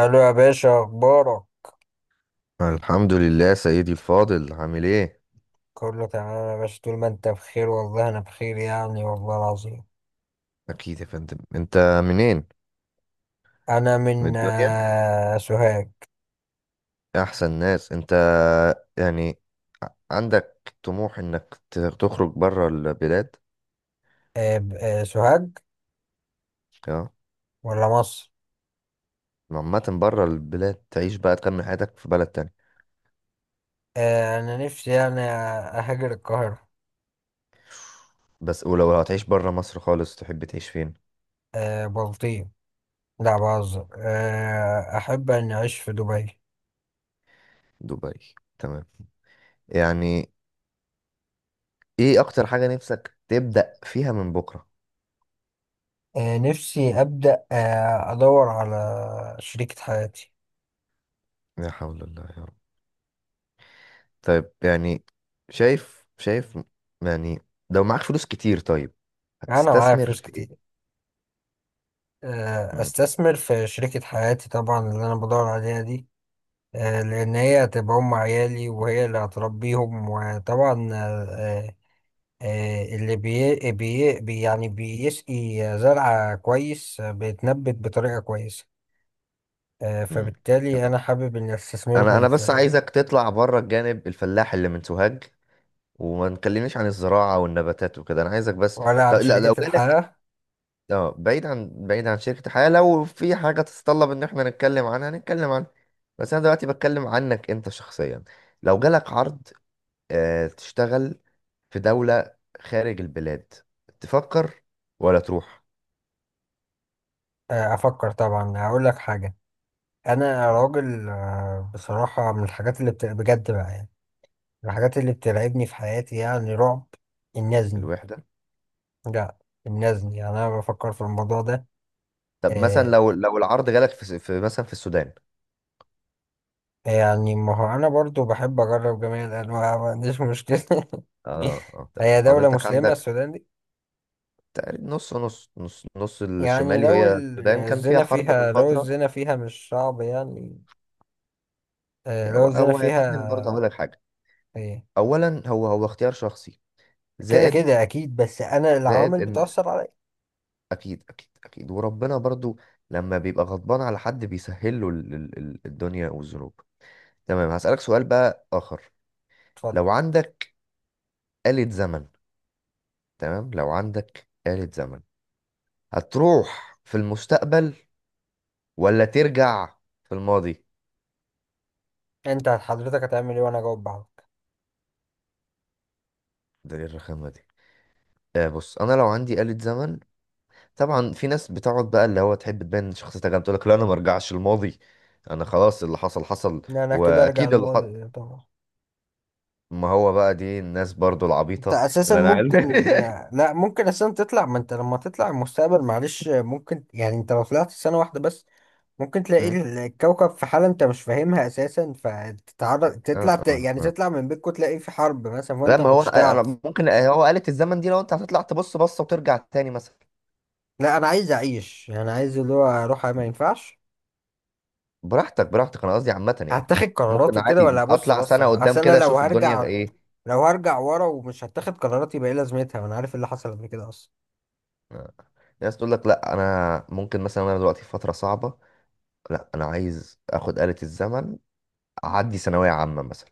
الو يا باشا، اخبارك؟ الحمد لله سيدي الفاضل، عامل ايه؟ كله تمام يا باشا. طول ما انت بخير والله انا بخير يعني، والله العظيم. اكيد يا فندم. انت منين؟ انا من من الدنيا. سوهاج. احسن ناس انت. يعني عندك طموح انك تخرج بره البلاد؟ سوهاج اه. ولا مصر؟ عامة بره البلاد، تعيش بقى تكمل حياتك في بلد تاني؟ انا نفسي يعني اهاجر القاهرة. بس ولو هتعيش بره مصر خالص تحب تعيش فين؟ بلطيم. لا، بهزر. احب اني اعيش في دبي. دبي، تمام. يعني ايه اكتر حاجة نفسك تبدأ فيها من بكرة؟ نفسي ابدا، ادور على شريكة حياتي. لا حول الله يا رب. طيب يعني شايف. يعني لو معاك فلوس كتير، طيب، انا معايا هتستثمر فلوس في ايه؟ كتير، مم. استثمر في شريكة حياتي طبعا، اللي انا بدور عليها دي. لأن هي هتبقى أم عيالي وهي اللي هتربيهم، وطبعا اللي يعني بيسقي زرعة كويس، بيتنبت بطريقة كويسة. مم. فبالتالي تمام. أنا حابب إني انا أستثمرهم انا بس في، عايزك تطلع بره الجانب الفلاح اللي من سوهاج، وما نكلمنيش عن الزراعة والنباتات وكده، انا عايزك بس. ولا طب عن لا، شركة لو جالك، الحياة. اه، بعيد عن شركة الحياة، لو في حاجة تتطلب ان احنا نتكلم عنها نتكلم عنها، بس انا دلوقتي بتكلم عنك انت شخصيا. لو جالك عرض تشتغل في دولة خارج البلاد، تفكر ولا تروح؟ أفكر طبعا، هقول لك حاجة. أنا راجل، بصراحة من الحاجات اللي بجد بقى، يعني من الحاجات اللي بترعبني في حياتي يعني، رعب، النزني. الوحدة. لا، النزني، يعني أنا بفكر في الموضوع ده. طب مثلا آه، لو العرض جالك في، في مثلا في السودان. يعني ما هو انا برضو بحب اجرب جميع الانواع، ما عنديش مشكله اه اه هي تمام. دوله حضرتك مسلمه عندك السودان دي. تقريبا نص نص يعني الشمالي، لو هي السودان كان فيها الزنا حرب من فيها، فترة. مش صعب يعني. هو لو الزنا هو يا فندم فيها. برضه هقول لك حاجة. إيه، أولا، هو اختيار شخصي، كده زائد، كده اكيد، بس انا زائد العوامل إن، بتاثر عليا. أكيد أكيد. وربنا برضه لما بيبقى غضبان على حد بيسهل له الدنيا والذنوب. تمام، هسألك سؤال بقى آخر. اتفضل. لو عندك آلة زمن، تمام، لو عندك آلة زمن، هتروح في المستقبل ولا ترجع في الماضي؟ انت حضرتك هتعمل ايه وانا اجاوب بعض؟ ده ايه الرخامة دي؟ آه، بص، انا لو عندي آلة زمن، طبعا في ناس بتقعد بقى اللي هو تحب تبان شخصيتها جامدة، تقول لك لا انا ما ارجعش الماضي، انا خلاص اللي حصل حصل. لا، انا كده ارجع واكيد اللي حصل، الماضي طبعا. ما هو بقى دي الناس برضو انت العبيطة اساسا اللي انا ممكن، عارف. لا، ممكن اساسا تطلع. ما انت لما تطلع المستقبل معلش، ممكن يعني انت لو طلعت سنه واحده بس ممكن تلاقي م? الكوكب في حالة انت مش فاهمها اساسا، فتتعرض آه تطلع آه يعني آه. تطلع من بيتكم تلاقي في حرب مثلا لا وانت ما ما هو، كنتش أنا تعرف. ممكن، هو آلة الزمن دي لو انت هتطلع تبص بصة وترجع تاني مثلا. لا، انا عايز اعيش، يعني عايز اللي هو اروح، ما ينفعش براحتك، انا قصدي عامة يعني. هتاخد قرارات ممكن وكده ولا عادي ابص اطلع سنة بصة. اصل قدام انا كده اشوف الدنيا ايه. لو هرجع ورا ومش هتاخد قرارات، يبقى ايه لازمتها وانا عارف إيه اللي حصل قبل كده اصلا. آه. ناس تقول لك لا انا ممكن مثلا انا دلوقتي في فترة صعبة، لا انا عايز اخد آلة الزمن اعدي ثانوية عامة مثلا.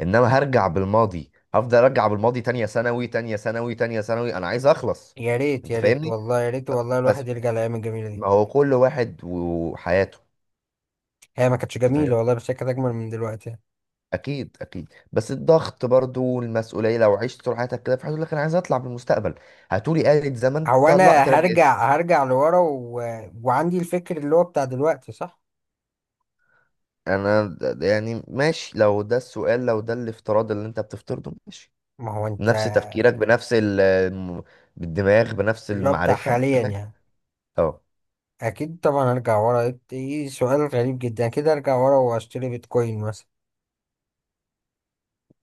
انما هرجع بالماضي، هفضل ارجع بالماضي تانية ثانوي، انا عايز اخلص. يا ريت، انت يا ريت فاهمني؟ والله، يا ريت ف- والله بس، الواحد يرجع للايام الجميلة دي. ما هو كل واحد وحياته. هي ما كانتش جميلة انت والله، بس هي كانت اجمل من دلوقتي. اكيد بس الضغط برضو والمسؤوليه، لو عشت طول حياتك كده في حاجه لك، انا عايز اطلع بالمستقبل. هتقولي آلة زمن، هو تطلع انا ترجع. هرجع لورا وعندي الفكر اللي هو بتاع دلوقتي، صح؟ يعني ماشي، لو ده السؤال لو ده الافتراض اللي انت بتفترضه ماشي، ما هو انت، بنفس تفكيرك بنفس بالدماغ بنفس اللي هو بتاع المعرفه، حاليا تمام. يعني. اه اكيد طبعا ارجع ورا. ايه إيه، سؤال غريب جدا، اكيد ارجع ورا واشتري بيتكوين مثلا.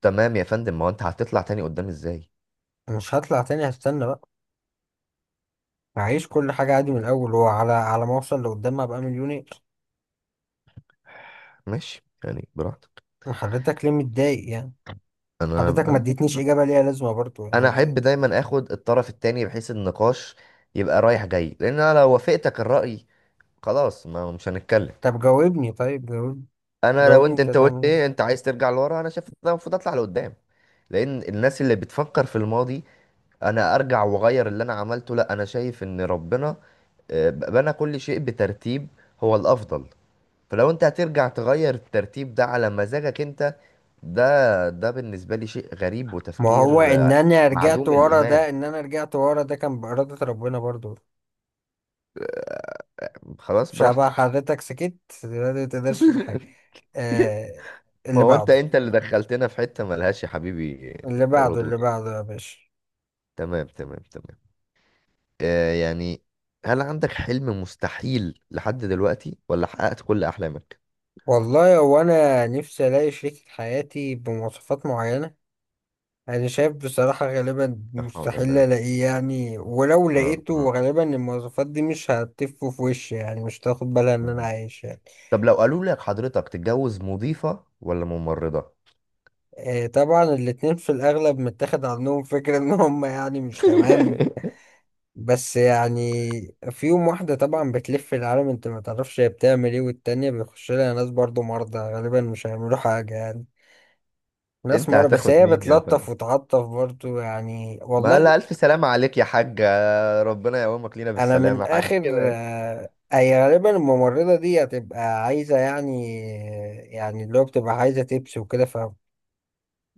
تمام يا فندم، ما هو انت هتطلع تاني قدام ازاي؟ مش هطلع تاني، هستنى بقى. هعيش كل حاجة عادي من الاول، وعلى ما اوصل لقدام ابقى مليونير. ماشي يعني براحتك. حضرتك ليه متضايق يعني؟ انا حضرتك ما انا اديتنيش اجابة ليها لازمة برضو انا يعني. احب دايما اخد الطرف التاني بحيث النقاش يبقى رايح جاي، لان انا لو وافقتك الراي خلاص ما مش هنتكلم. طب جاوبني، انا لو جاوبني، انت، انت قلت هتعمل ايه ايه؟ انت عايز ترجع لورا، انا شايف إن أنا المفروض اطلع لقدام، لان الناس اللي بتفكر في الماضي انا ارجع واغير اللي انا عملته، لا، انا شايف ان ربنا بنى كل شيء بترتيب هو الافضل. فلو انت هترجع تغير الترتيب ده على مزاجك انت، ده ده بالنسبة لي شيء غريب ما هو وتفكير معدوم الايمان. ان انا رجعت ورا ده كان بإرادة ربنا برضو. خلاص مش هبقى براحتك. حضرتك سكت دلوقتي ما تقدرش في حاجة. آه ما اللي هو انت بعده، انت اللي دخلتنا في حتة ملهاش يا حبيبي اللي بعده، اللي ردود يعني. بعده يا باشا. تمام تمام تمام. آه، يعني هل عندك حلم مستحيل لحد دلوقتي ولا حققت كل احلامك؟ والله هو انا نفسي الاقي شريكة حياتي بمواصفات معينة. انا شايف بصراحة غالبا لا حول الله مستحيل يا رب. الاقيه يعني، ولو اه اه. لقيته غالبا المواصفات دي مش هتف في وشي، يعني مش تاخد بالها ان انا مم. عايش يعني. طب لو قالوا لك حضرتك تتجوز مضيفة ولا ممرضة، طبعا الاتنين في الاغلب متاخد عنهم فكرة ان هم يعني مش تمام. بس يعني فيهم واحدة طبعا بتلف العالم، انت ما تعرفش هي بتعمل ايه، والتانية بيخش لها ناس برضو مرضى، غالبا مش هيعملوا حاجة يعني، ناس انت مرة، بس هتاخد هي مين يا فندم؟ بتلطف وتعطف برضو يعني ما والله. لا، الف سلامة عليك يا حاجة، ربنا يقومك لينا انا من بالسلامة، حاجة اخر، كده يعني. آه، اي غالبا الممرضة دي هتبقى عايزة يعني، يعني اللي هو بتبقى عايزة تبس وكده.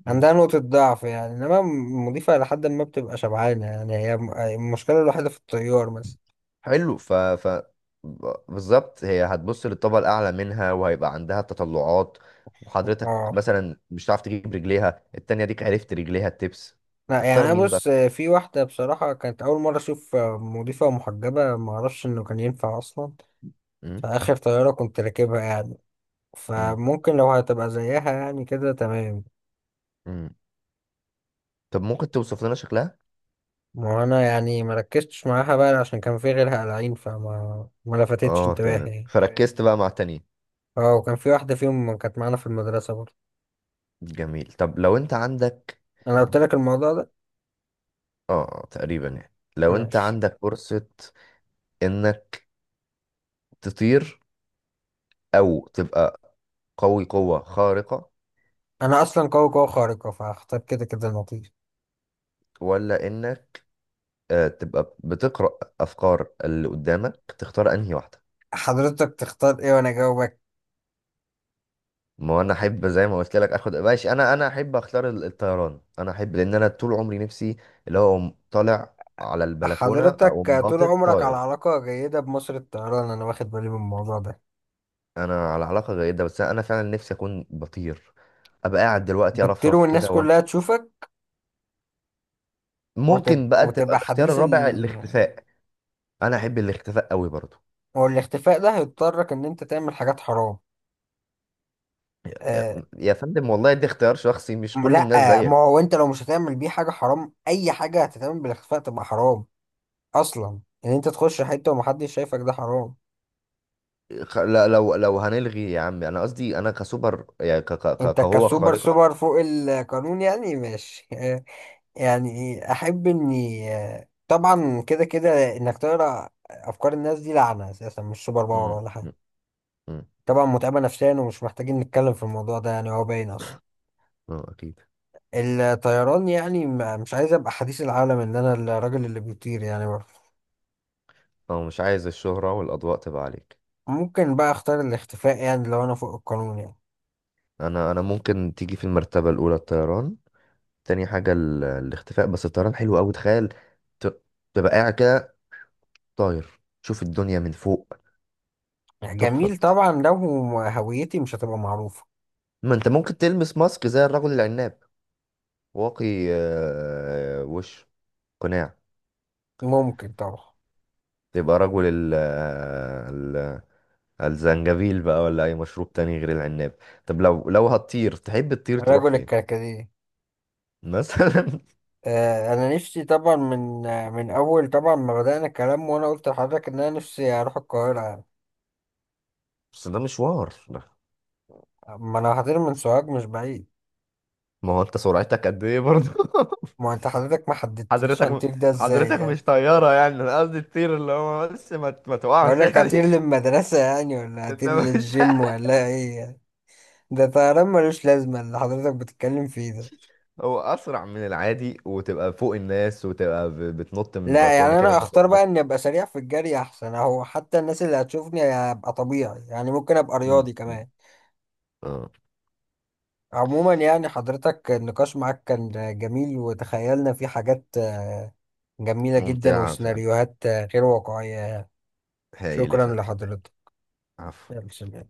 مم. فعندها نقطة ضعف يعني، انما المضيفة لحد ما بتبقى شبعانة يعني، هي المشكلة الوحيدة في الطيار مثلا. حلو. بالظبط، هي هتبص للطبقة الأعلى منها وهيبقى عندها تطلعات، وحضرتك اه، مثلا مش هتعرف تجيب رجليها التانية، ديك عرفت رجليها التبس. لا يعني تختار انا مين بقى؟ بص، في واحدة بصراحة كانت أول مرة أشوف مضيفة محجبة، معرفش إنه كان ينفع أصلا، مم. في آخر طيارة كنت راكبها يعني. مم. فممكن لو هتبقى زيها يعني كده تمام. مم. طب ممكن توصف لنا شكلها؟ ما هو انا يعني ما ركزتش معاها بقى عشان كان في غيرها قلعين، فما ما لفتتش اه انتباهي تمام، يعني. فركزت بقى مع تاني. اه، وكان في واحدة فيهم كانت معانا في المدرسة برضه. جميل. طب لو انت عندك، انا قلت لك الموضوع ده. اه، تقريبا يعني، لو انت ماشي. عندك فرصة انك تطير، او تبقى قوي قوة خارقة، انا اصلا قوي قوي خارقة، فهختار كده كده النقيض. ولا انك تبقى بتقرأ افكار اللي قدامك، تختار انهي واحدة؟ حضرتك تختار ايه وانا اجاوبك؟ ما هو انا احب زي ما قلت لك، اخد ماشي. انا احب اختار الطيران، انا احب لان انا طول عمري نفسي اللي هو أقوم طالع على البلكونة او حضرتك طول ناطط عمرك على طاير. علاقة جيدة بمصر الطيران، انا واخد بالي من الموضوع ده. انا على علاقه جيده، بس انا فعلا نفسي اكون بطير، ابقى قاعد دلوقتي بتطير ارفرف كده والناس كلها وامشي. تشوفك ممكن بقى تبقى وتبقى الاختيار حديث. الرابع الاختفاء. انا احب الاختفاء قوي برضو. هو الاختفاء ده هيضطرك ان انت تعمل حاجات حرام. يا آه يا فندم والله، ده اختيار شخصي، مش كل لا. الناس ما زيك. هو انت لو مش هتعمل بيه حاجة حرام، اي حاجة هتتعمل بالاختفاء تبقى حرام اصلا. ان انت تخش حتة ومحدش شايفك ده حرام. لو هنلغي يا عم، انا قصدي انا كسوبر يعني، انت كقوه كسوبر خارقه. سوبر فوق القانون يعني، ماشي آه. يعني احب اني، طبعا كده كده، انك تقرا افكار الناس دي لعنة اساسا، مش سوبر باور مم، ولا حاجة، مم، مم. طبعا متعبة نفسيا، ومش محتاجين نتكلم في الموضوع ده يعني، هو باين اصلا. اه اكيد. الطيران يعني، مش عايز ابقى حديث العالم ان انا الراجل اللي بيطير يعني برضه. اه، مش عايز الشهره والاضواء تبقى عليك. ممكن بقى اختار الاختفاء يعني لو انا فوق القانون يعني، انا ممكن تيجي في المرتبه الاولى الطيران، تاني حاجه الاختفاء، بس الطيران حلو قوي، تخيل، ت- تبقى قاعد كده طاير تشوف الدنيا من فوق، يعني تحفة. جميل طبعا لو هويتي مش هتبقى معروفة. ما انت ممكن تلبس ماسك زي الرجل العناب، واقي، وش، قناع. ممكن طبعا. تبقى رجل ال- الزنجبيل بقى، ولا اي مشروب تاني غير العناب. طب لو هتطير، تحب تطير تروح رجل فين الكركديه. مثلا؟ انا نفسي طبعا من اول، طبعا ما بدأنا الكلام وانا قلت لحضرتك ان انا نفسي اروح القاهرة يعني. بس ده مشوار. ما انا هطير من سوهاج، مش بعيد. ما هو انت سرعتك قد ايه برضه؟ ما انت حضرتك ما حددتليش حضرتك هنطير ده ازاي حضرتك يعني؟ مش طيارة يعني، انا قصدي تطير اللي هو بس ما ما اقول تقعش لك هطير يعني. للمدرسة يعني، ولا هطير انما مش، للجيم، ولا ايه يعني؟ ده طيران ملوش لازمة اللي حضرتك بتتكلم فيه ده. هو اسرع من العادي، وتبقى فوق الناس، وتبقى بتنط من لا البلكونه يعني كده، انا ما اختار بقى اني ابقى سريع في الجري احسن اهو، حتى الناس اللي هتشوفني هبقى طبيعي يعني، ممكن ابقى مم، رياضي مم. كمان. اه. عموما يعني، حضرتك النقاش معاك كان جميل، وتخيلنا فيه حاجات جميلة جدا، ممتعه فعلا، وسيناريوهات غير واقعية. هايل يا شكرا فندم. لحضرتك. عفو. يلا سلام.